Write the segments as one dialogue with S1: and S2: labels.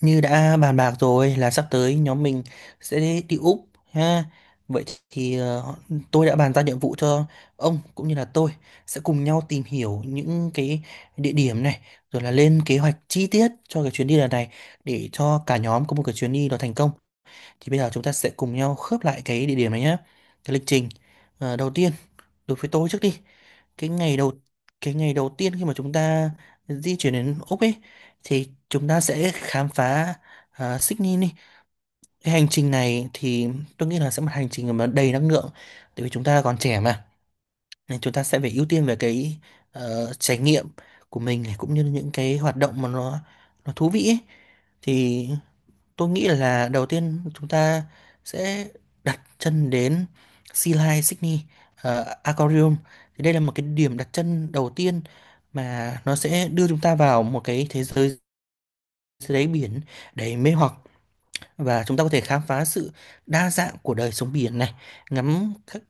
S1: Như đã bàn bạc rồi là sắp tới nhóm mình sẽ đi Úc ha. Vậy thì tôi đã bàn ra nhiệm vụ cho ông cũng như là tôi sẽ cùng nhau tìm hiểu những cái địa điểm này rồi là lên kế hoạch chi tiết cho cái chuyến đi lần này để cho cả nhóm có một cái chuyến đi nó thành công. Thì bây giờ chúng ta sẽ cùng nhau khớp lại cái địa điểm này nhé. Cái lịch trình. Đầu tiên đối với tôi trước đi, cái ngày đầu cái ngày đầu tiên khi mà chúng ta di chuyển đến Úc ấy thì chúng ta sẽ khám phá à, Sydney đi. Cái hành trình này thì tôi nghĩ là sẽ một hành trình mà đầy năng lượng, tại vì chúng ta còn trẻ mà, nên chúng ta sẽ phải ưu tiên về cái trải nghiệm của mình này, cũng như những cái hoạt động mà nó thú vị ấy. Thì tôi nghĩ là đầu tiên chúng ta sẽ đặt chân đến Sea Life Sydney Aquarium. Thì đây là một cái điểm đặt chân đầu tiên mà nó sẽ đưa chúng ta vào một cái thế giới dưới đáy biển đầy mê hoặc, và chúng ta có thể khám phá sự đa dạng của đời sống biển này, ngắm các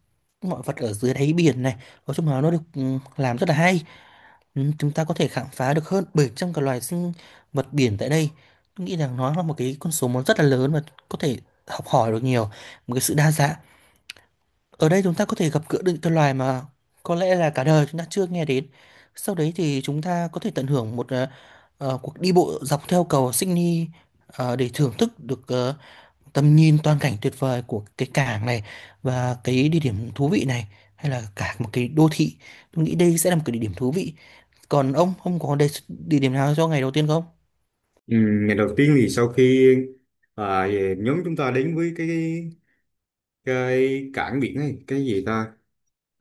S1: mọi vật ở dưới đáy biển này. Nói chung là nó được ừ, làm rất là hay. Ừ, chúng ta có thể khám phá được hơn 700 cái loài sinh vật biển tại đây. Tôi nghĩ rằng nó là một cái con số nó rất là lớn, và có thể học hỏi được nhiều, một cái sự đa dạng. Ở đây chúng ta có thể gặp gỡ được những cái loài mà có lẽ là cả đời chúng ta chưa nghe đến. Sau đấy thì chúng ta có thể tận hưởng một cuộc đi bộ dọc theo cầu Sydney, để thưởng thức được tầm nhìn toàn cảnh tuyệt vời của cái cảng này và cái địa điểm thú vị này, hay là cả một cái đô thị. Tôi nghĩ đây sẽ là một cái địa điểm thú vị. Còn ông có đề, địa điểm nào cho ngày đầu tiên không?
S2: Ừ, ngày đầu tiên thì sau khi về nhóm chúng ta đến với cái cảng biển này cái gì ta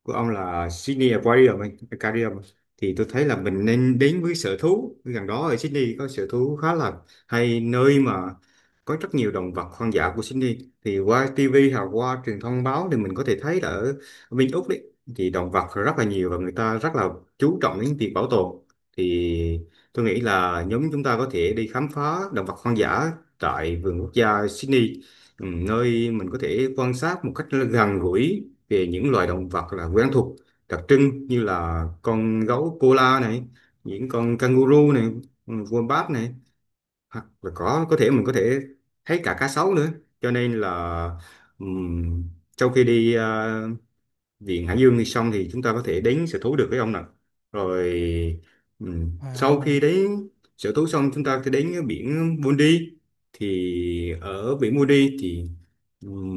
S2: của ông là Sydney Aquarium ấy, Aquarium thì tôi thấy là mình nên đến với sở thú gần đó ở Sydney. Có sở thú khá là hay, nơi mà có rất nhiều động vật hoang dã của Sydney. Thì qua TV hoặc qua truyền thông báo thì mình có thể thấy là ở bên Úc đấy thì động vật rất là nhiều và người ta rất là chú trọng đến việc bảo tồn. Thì tôi nghĩ là nhóm chúng ta có thể đi khám phá động vật hoang dã tại vườn quốc gia Sydney. Nơi mình có thể quan sát một cách gần gũi về những loài động vật là quen thuộc, đặc trưng như là con gấu koala này, những con kangaroo này, wombat này, hoặc là có thể mình có thể thấy cả cá sấu nữa. Cho nên là ừm, sau khi đi viện hải dương thì xong thì chúng ta có thể đến sở thú được với ông nè. Rồi. Sau khi
S1: Wow.
S2: đến sở thú xong chúng ta sẽ đến cái biển Bondi. Thì ở biển Moody thì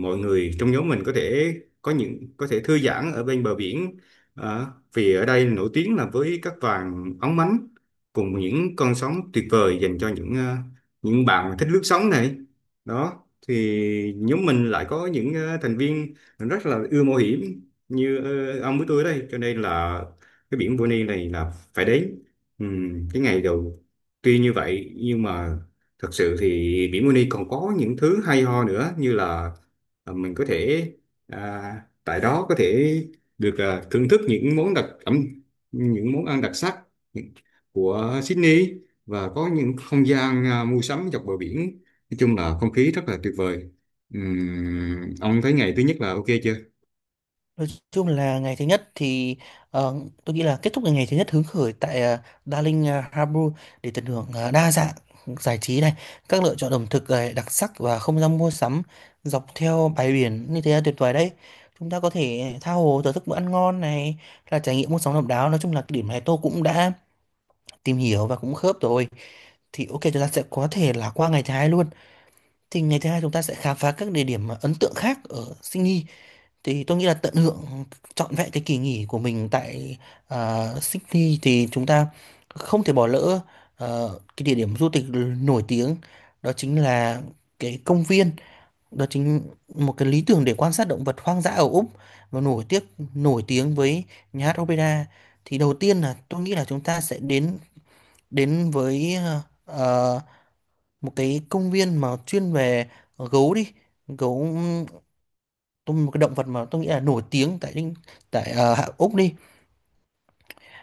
S2: mọi người trong nhóm mình có thể có những có thể thư giãn ở bên bờ biển. Ờ, Vì ở đây nổi tiếng là với các vàng óng mánh cùng những con sóng tuyệt vời dành cho những những bạn thích lướt sóng này đó. Thì nhóm mình lại có những thành viên rất là ưa mạo hiểm như ông với tôi ở đây, cho nên là cái biển Bonny này là phải đến. Cái ngày đầu tuy như vậy nhưng mà thật sự thì biển Bonny còn có những thứ hay ho nữa như là mình có thể à, tại đó có thể được thưởng thức những món đặc ẩm, những món ăn đặc sắc của Sydney, và có những không gian mua sắm dọc bờ biển. Nói chung là không khí rất là tuyệt vời. Ông thấy ngày thứ nhất là ok chưa?
S1: Nói chung là ngày thứ nhất thì ờ, tôi nghĩ là kết thúc ngày thứ nhất hứng khởi tại Darling Harbour để tận hưởng đa dạng giải trí này, các lựa chọn ẩm thực đặc sắc và không gian mua sắm dọc theo bãi biển như thế là tuyệt vời đấy. Chúng ta có thể tha hồ thưởng thức bữa ăn ngon này, là trải nghiệm mua sắm độc đáo. Nói chung là cái điểm này tôi cũng đã tìm hiểu và cũng khớp rồi. Thì ok, chúng ta sẽ có thể là qua ngày thứ hai luôn. Thì ngày thứ hai chúng ta sẽ khám phá các địa điểm ấn tượng khác ở Sydney. Thì tôi nghĩ là tận hưởng trọn vẹn cái kỳ nghỉ của mình tại à, Sydney thì chúng ta không thể bỏ lỡ cái địa điểm du lịch nổi tiếng, đó chính là cái công viên, đó chính một cái lý tưởng để quan sát động vật hoang dã ở Úc và nổi tiếng với nhà hát opera. Thì đầu tiên là tôi nghĩ là chúng ta sẽ đến đến với ờ, một cái công viên mà chuyên về gấu đi, gấu tôi, một cái động vật mà tôi nghĩ là nổi tiếng tại Úc đi.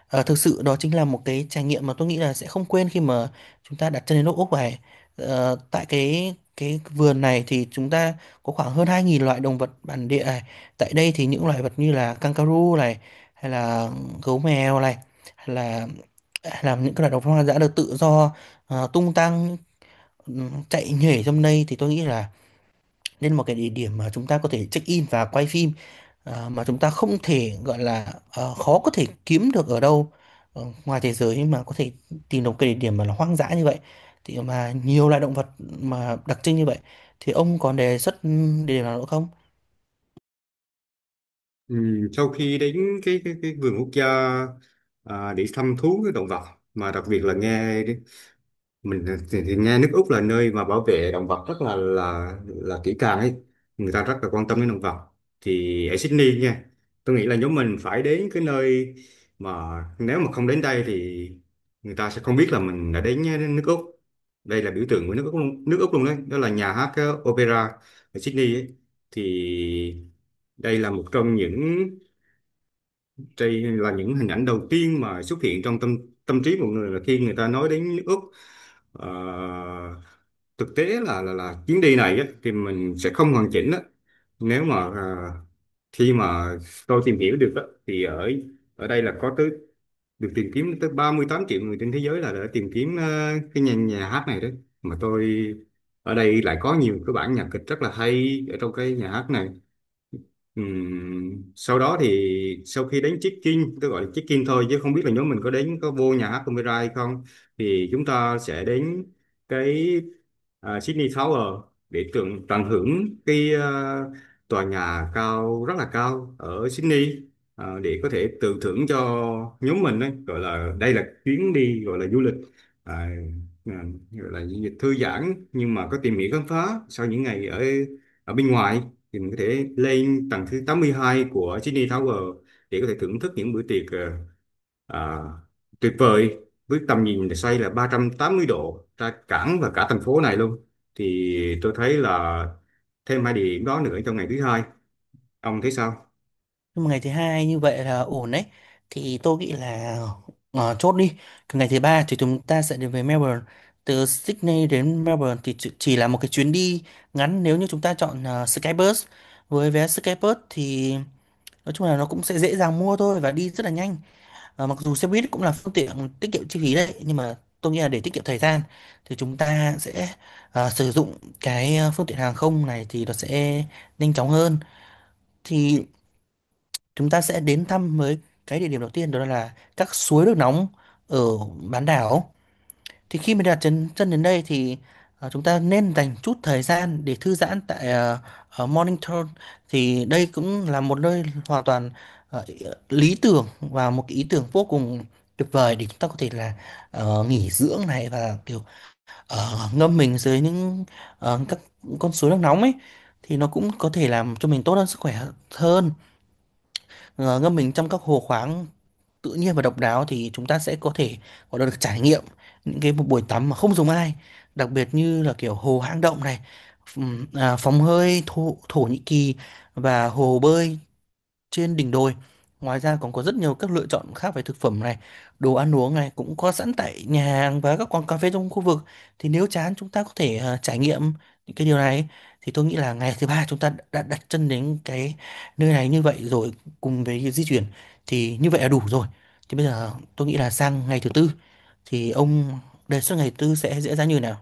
S1: Ờ, thực sự đó chính là một cái trải nghiệm mà tôi nghĩ là sẽ không quên khi mà chúng ta đặt chân đến nước Úc này. Ờ, tại cái vườn này thì chúng ta có khoảng hơn 2000 loại động vật bản địa này. Tại đây thì những loài vật như là kangaroo này, hay là gấu mèo này, hay là hay là những cái loài động vật hoang dã được tự do tung tăng, chạy nhảy trong đây. Thì tôi nghĩ là nên một cái địa điểm mà chúng ta có thể check in và quay phim à, mà chúng ta không thể gọi là khó có thể kiếm được ở đâu ngoài thế giới mà có thể tìm được cái địa điểm mà nó hoang dã như vậy, thì mà nhiều loại động vật mà đặc trưng như vậy. Thì ông còn đề xuất ừ, địa điểm nào nữa không?
S2: Sau khi đến cái vườn quốc gia để thăm thú cái động vật mà đặc biệt là nghe mình thì nghe nước Úc là nơi mà bảo vệ động vật rất là kỹ càng ấy, người ta rất là quan tâm đến động vật. Thì ở Sydney nha, tôi nghĩ là nhóm mình phải đến cái nơi mà nếu mà không đến đây thì người ta sẽ không biết là mình đã đến đến nước Úc. Đây là biểu tượng của nước Úc luôn, đấy, đó là nhà hát opera ở Sydney ấy. Thì đây là một trong những, đây là những hình ảnh đầu tiên mà xuất hiện trong tâm tâm trí mọi người là khi người ta nói đến nước Úc. Ờ, Thực tế là chuyến đi này á, thì mình sẽ không hoàn chỉnh á. Nếu mà khi mà tôi tìm hiểu được á, thì ở ở đây là có tới được tìm kiếm tới 38 triệu người trên thế giới là đã tìm kiếm cái nhà hát này đấy. Mà tôi ở đây lại có nhiều cái bản nhạc kịch rất là hay ở trong cái nhà hát này. Sau đó thì sau khi đến check-in, tôi gọi là check-in thôi chứ không biết là nhóm mình có đến có vô nhà hát Omira hay không, thì chúng ta sẽ đến cái Sydney Tower để tận tận hưởng cái tòa nhà cao rất là cao ở Sydney, để có thể tự thưởng cho nhóm mình đấy, gọi là đây là chuyến đi gọi là du lịch à, à, gọi là du lịch thư giãn nhưng mà có tìm hiểu khám phá sau những ngày ở ở bên ngoài. Thì mình có thể lên tầng thứ 82 của Sydney Tower để có thể thưởng thức những bữa tiệc à, tuyệt vời với tầm nhìn xoay là 380 độ ra cảng và cả thành phố này luôn. Thì tôi thấy là thêm hai địa điểm đó nữa trong ngày thứ hai, ông thấy sao?
S1: Nhưng mà ngày thứ hai như vậy là ổn đấy. Thì tôi nghĩ là chốt đi. Còn ngày thứ ba thì chúng ta sẽ đến với Melbourne. Từ Sydney đến Melbourne thì chỉ là một cái chuyến đi ngắn nếu như chúng ta chọn Skybus. Với vé Skybus thì nói chung là nó cũng sẽ dễ dàng mua thôi và đi rất là nhanh. Ờ, mặc dù xe buýt cũng là phương tiện tiết kiệm chi phí đấy, nhưng mà tôi nghĩ là để tiết kiệm thời gian thì chúng ta sẽ sử dụng cái phương tiện hàng không này thì nó sẽ nhanh chóng hơn. Thì chúng ta sẽ đến thăm với cái địa điểm đầu tiên, đó là các suối nước nóng ở bán đảo. Thì khi mình đặt chân chân đến đây thì chúng ta nên dành chút thời gian để thư giãn tại ở Morning Throne. Thì đây cũng là một nơi hoàn toàn ờ, lý tưởng và một cái ý tưởng vô cùng tuyệt vời để chúng ta có thể là nghỉ dưỡng này, và kiểu ngâm mình dưới những các con suối nước nóng ấy, thì nó cũng có thể làm cho mình tốt hơn sức khỏe hơn. Ờ, ngâm mình trong các hồ khoáng tự nhiên và độc đáo thì chúng ta sẽ có thể có được trải nghiệm những cái một buổi tắm mà không giống ai, đặc biệt như là kiểu hồ hang động này, phòng hơi thổ, Thổ Nhĩ Kỳ, và hồ bơi trên đỉnh đồi. Ngoài ra còn có rất nhiều các lựa chọn khác về thực phẩm này, đồ ăn uống này cũng có sẵn tại nhà hàng và các quán cà phê trong khu vực. Thì nếu chán chúng ta có thể trải nghiệm những cái điều này. Thì tôi nghĩ là ngày thứ ba chúng ta đã đặt chân đến cái nơi này như vậy rồi, cùng với cái di chuyển thì như vậy là đủ rồi. Thì bây giờ tôi nghĩ là sang ngày thứ tư thì ông đề xuất ngày tư sẽ diễn ra như nào?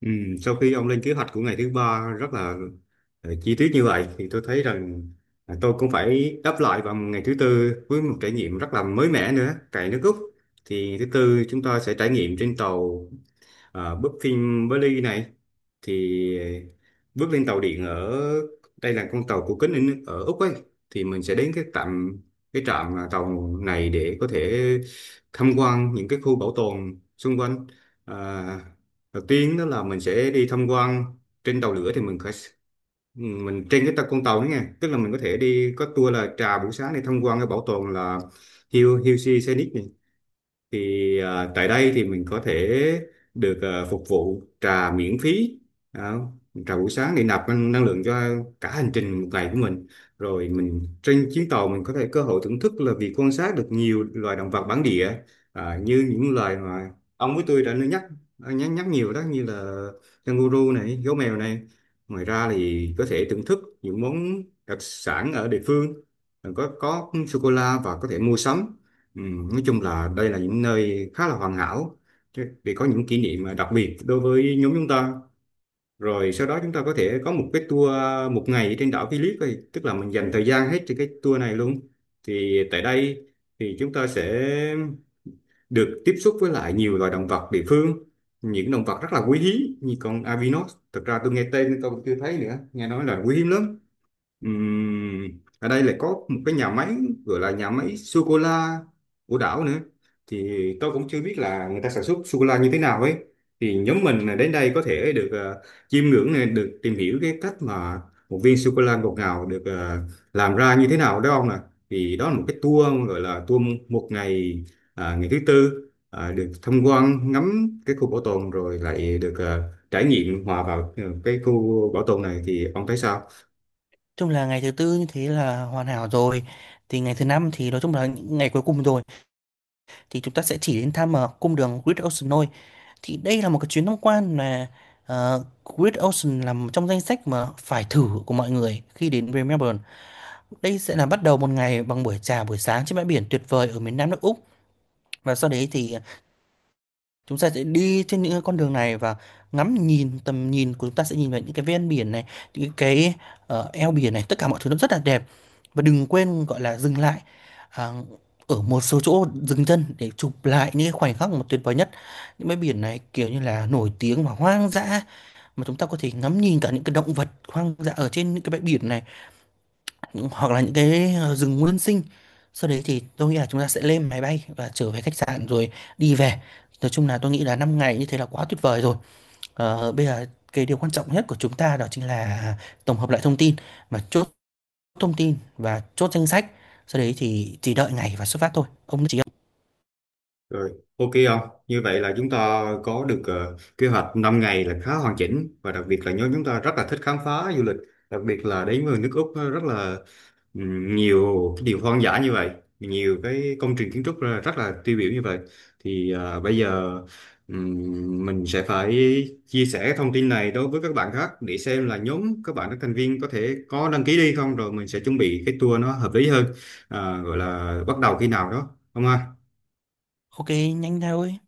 S2: ừ, Sau khi ông lên kế hoạch của ngày thứ ba rất là chi tiết như vậy thì tôi thấy rằng là tôi cũng phải đáp lại vào ngày thứ tư với một trải nghiệm rất là mới mẻ nữa tại nước Úc. Thì thứ tư chúng ta sẽ trải nghiệm trên tàu. À, bước phim với này thì bước lên tàu điện ở đây là con tàu của kính in- ở Úc ấy. Thì mình sẽ đến cái trạm tàu này để có thể tham quan những cái khu bảo tồn xung quanh. à, Đầu tiên đó là mình sẽ đi tham quan trên tàu lửa thì mình phải mình trên cái tàu con tàu đó nha, tức là mình có thể đi có tour là trà buổi sáng để tham quan cái bảo tồn là Hill Hill Sea Scenic. Thì tại đây thì mình có thể được phục vụ trà miễn phí đó. Trà buổi sáng để nạp năng năng lượng cho cả hành trình một ngày của mình. Rồi mình trên chuyến tàu mình có thể cơ hội thưởng thức là việc quan sát được nhiều loài động vật bản địa, như những loài mà ông với tôi đã nhắc nhắc nhắc nhiều đó, như là canguru này, gấu mèo này. Ngoài ra thì có thể thưởng thức những món đặc sản ở địa phương, có sô cô la, và có thể mua sắm. Ừ, nói chung là đây là những nơi khá là hoàn hảo, vì có những kỷ niệm mà đặc biệt đối với nhóm chúng ta. Rồi sau đó chúng ta có thể có một cái tour một ngày trên đảo Phillip ấy, tức là mình dành thời gian hết trên cái tour này luôn. Thì tại đây thì chúng ta sẽ được tiếp xúc với lại nhiều loài động vật địa phương, những động vật rất là quý hiếm như con Avinos, thực ra tôi nghe tên tôi cũng chưa thấy nữa, nghe nói là quý hiếm lắm. Ừm, Ở đây lại có một cái nhà máy, gọi là nhà máy sô cô la của đảo nữa. Thì tôi cũng chưa biết là người ta sản xuất sô cô la như thế nào ấy. Thì nhóm mình là đến đây có thể được chiêm ngưỡng này, được tìm hiểu cái cách mà một viên sô cô la ngọt ngào được làm ra như thế nào đó ông nè. Thì đó là một cái tour, gọi là tour một ngày, ngày thứ tư được tham quan ngắm cái khu bảo tồn rồi lại được trải nghiệm hòa vào cái khu bảo tồn này, thì ông thấy sao?
S1: Chung là ngày thứ tư như thế là hoàn hảo rồi. Thì ngày thứ năm thì nói chung là những ngày cuối cùng rồi. Thì chúng ta sẽ chỉ đến thăm cung đường Great Ocean thôi. Thì đây là một cái chuyến tham quan mà Great Ocean là một trong danh sách mà phải thử của mọi người khi đến với Melbourne. Đây sẽ là bắt đầu một ngày bằng buổi trà buổi sáng trên bãi biển tuyệt vời ở miền Nam nước Úc, và sau đấy thì chúng ta sẽ đi trên những cái con đường này và ngắm nhìn tầm nhìn của chúng ta sẽ nhìn vào những cái ven biển này, những cái eo biển này, tất cả mọi thứ nó rất là đẹp. Và đừng quên gọi là dừng lại à, ở một số chỗ dừng chân để chụp lại những cái khoảnh khắc mà tuyệt vời nhất. Những bãi biển này kiểu như là nổi tiếng và hoang dã, mà chúng ta có thể ngắm nhìn cả những cái động vật hoang dã ở trên những cái bãi biển này, hoặc là những cái rừng nguyên sinh. Sau đấy thì tôi nghĩ là chúng ta sẽ lên máy bay và trở về khách sạn rồi đi về. Nói chung là tôi nghĩ là 5 ngày như thế là quá tuyệt vời rồi. Ờ, bây giờ cái điều quan trọng nhất của chúng ta đó chính là tổng hợp lại thông tin mà chốt thông tin và chốt danh sách, sau đấy thì chỉ đợi ngày và xuất phát thôi ông chỉ.
S2: Rồi, ok không? Như vậy là chúng ta có được kế hoạch 5 ngày là khá hoàn chỉnh, và đặc biệt là nhóm chúng ta rất là thích khám phá du lịch, đặc biệt là đến với nước Úc rất là nhiều cái điều hoang dã như vậy, nhiều cái công trình kiến trúc ra rất là tiêu biểu như vậy. Thì bây giờ mình sẽ phải chia sẻ cái thông tin này đối với các bạn khác để xem là nhóm các bạn các thành viên có thể có đăng ký đi không, rồi mình sẽ chuẩn bị cái tour nó hợp lý hơn, gọi là bắt đầu khi nào đó. Không ha?
S1: Ok nhanh thôi.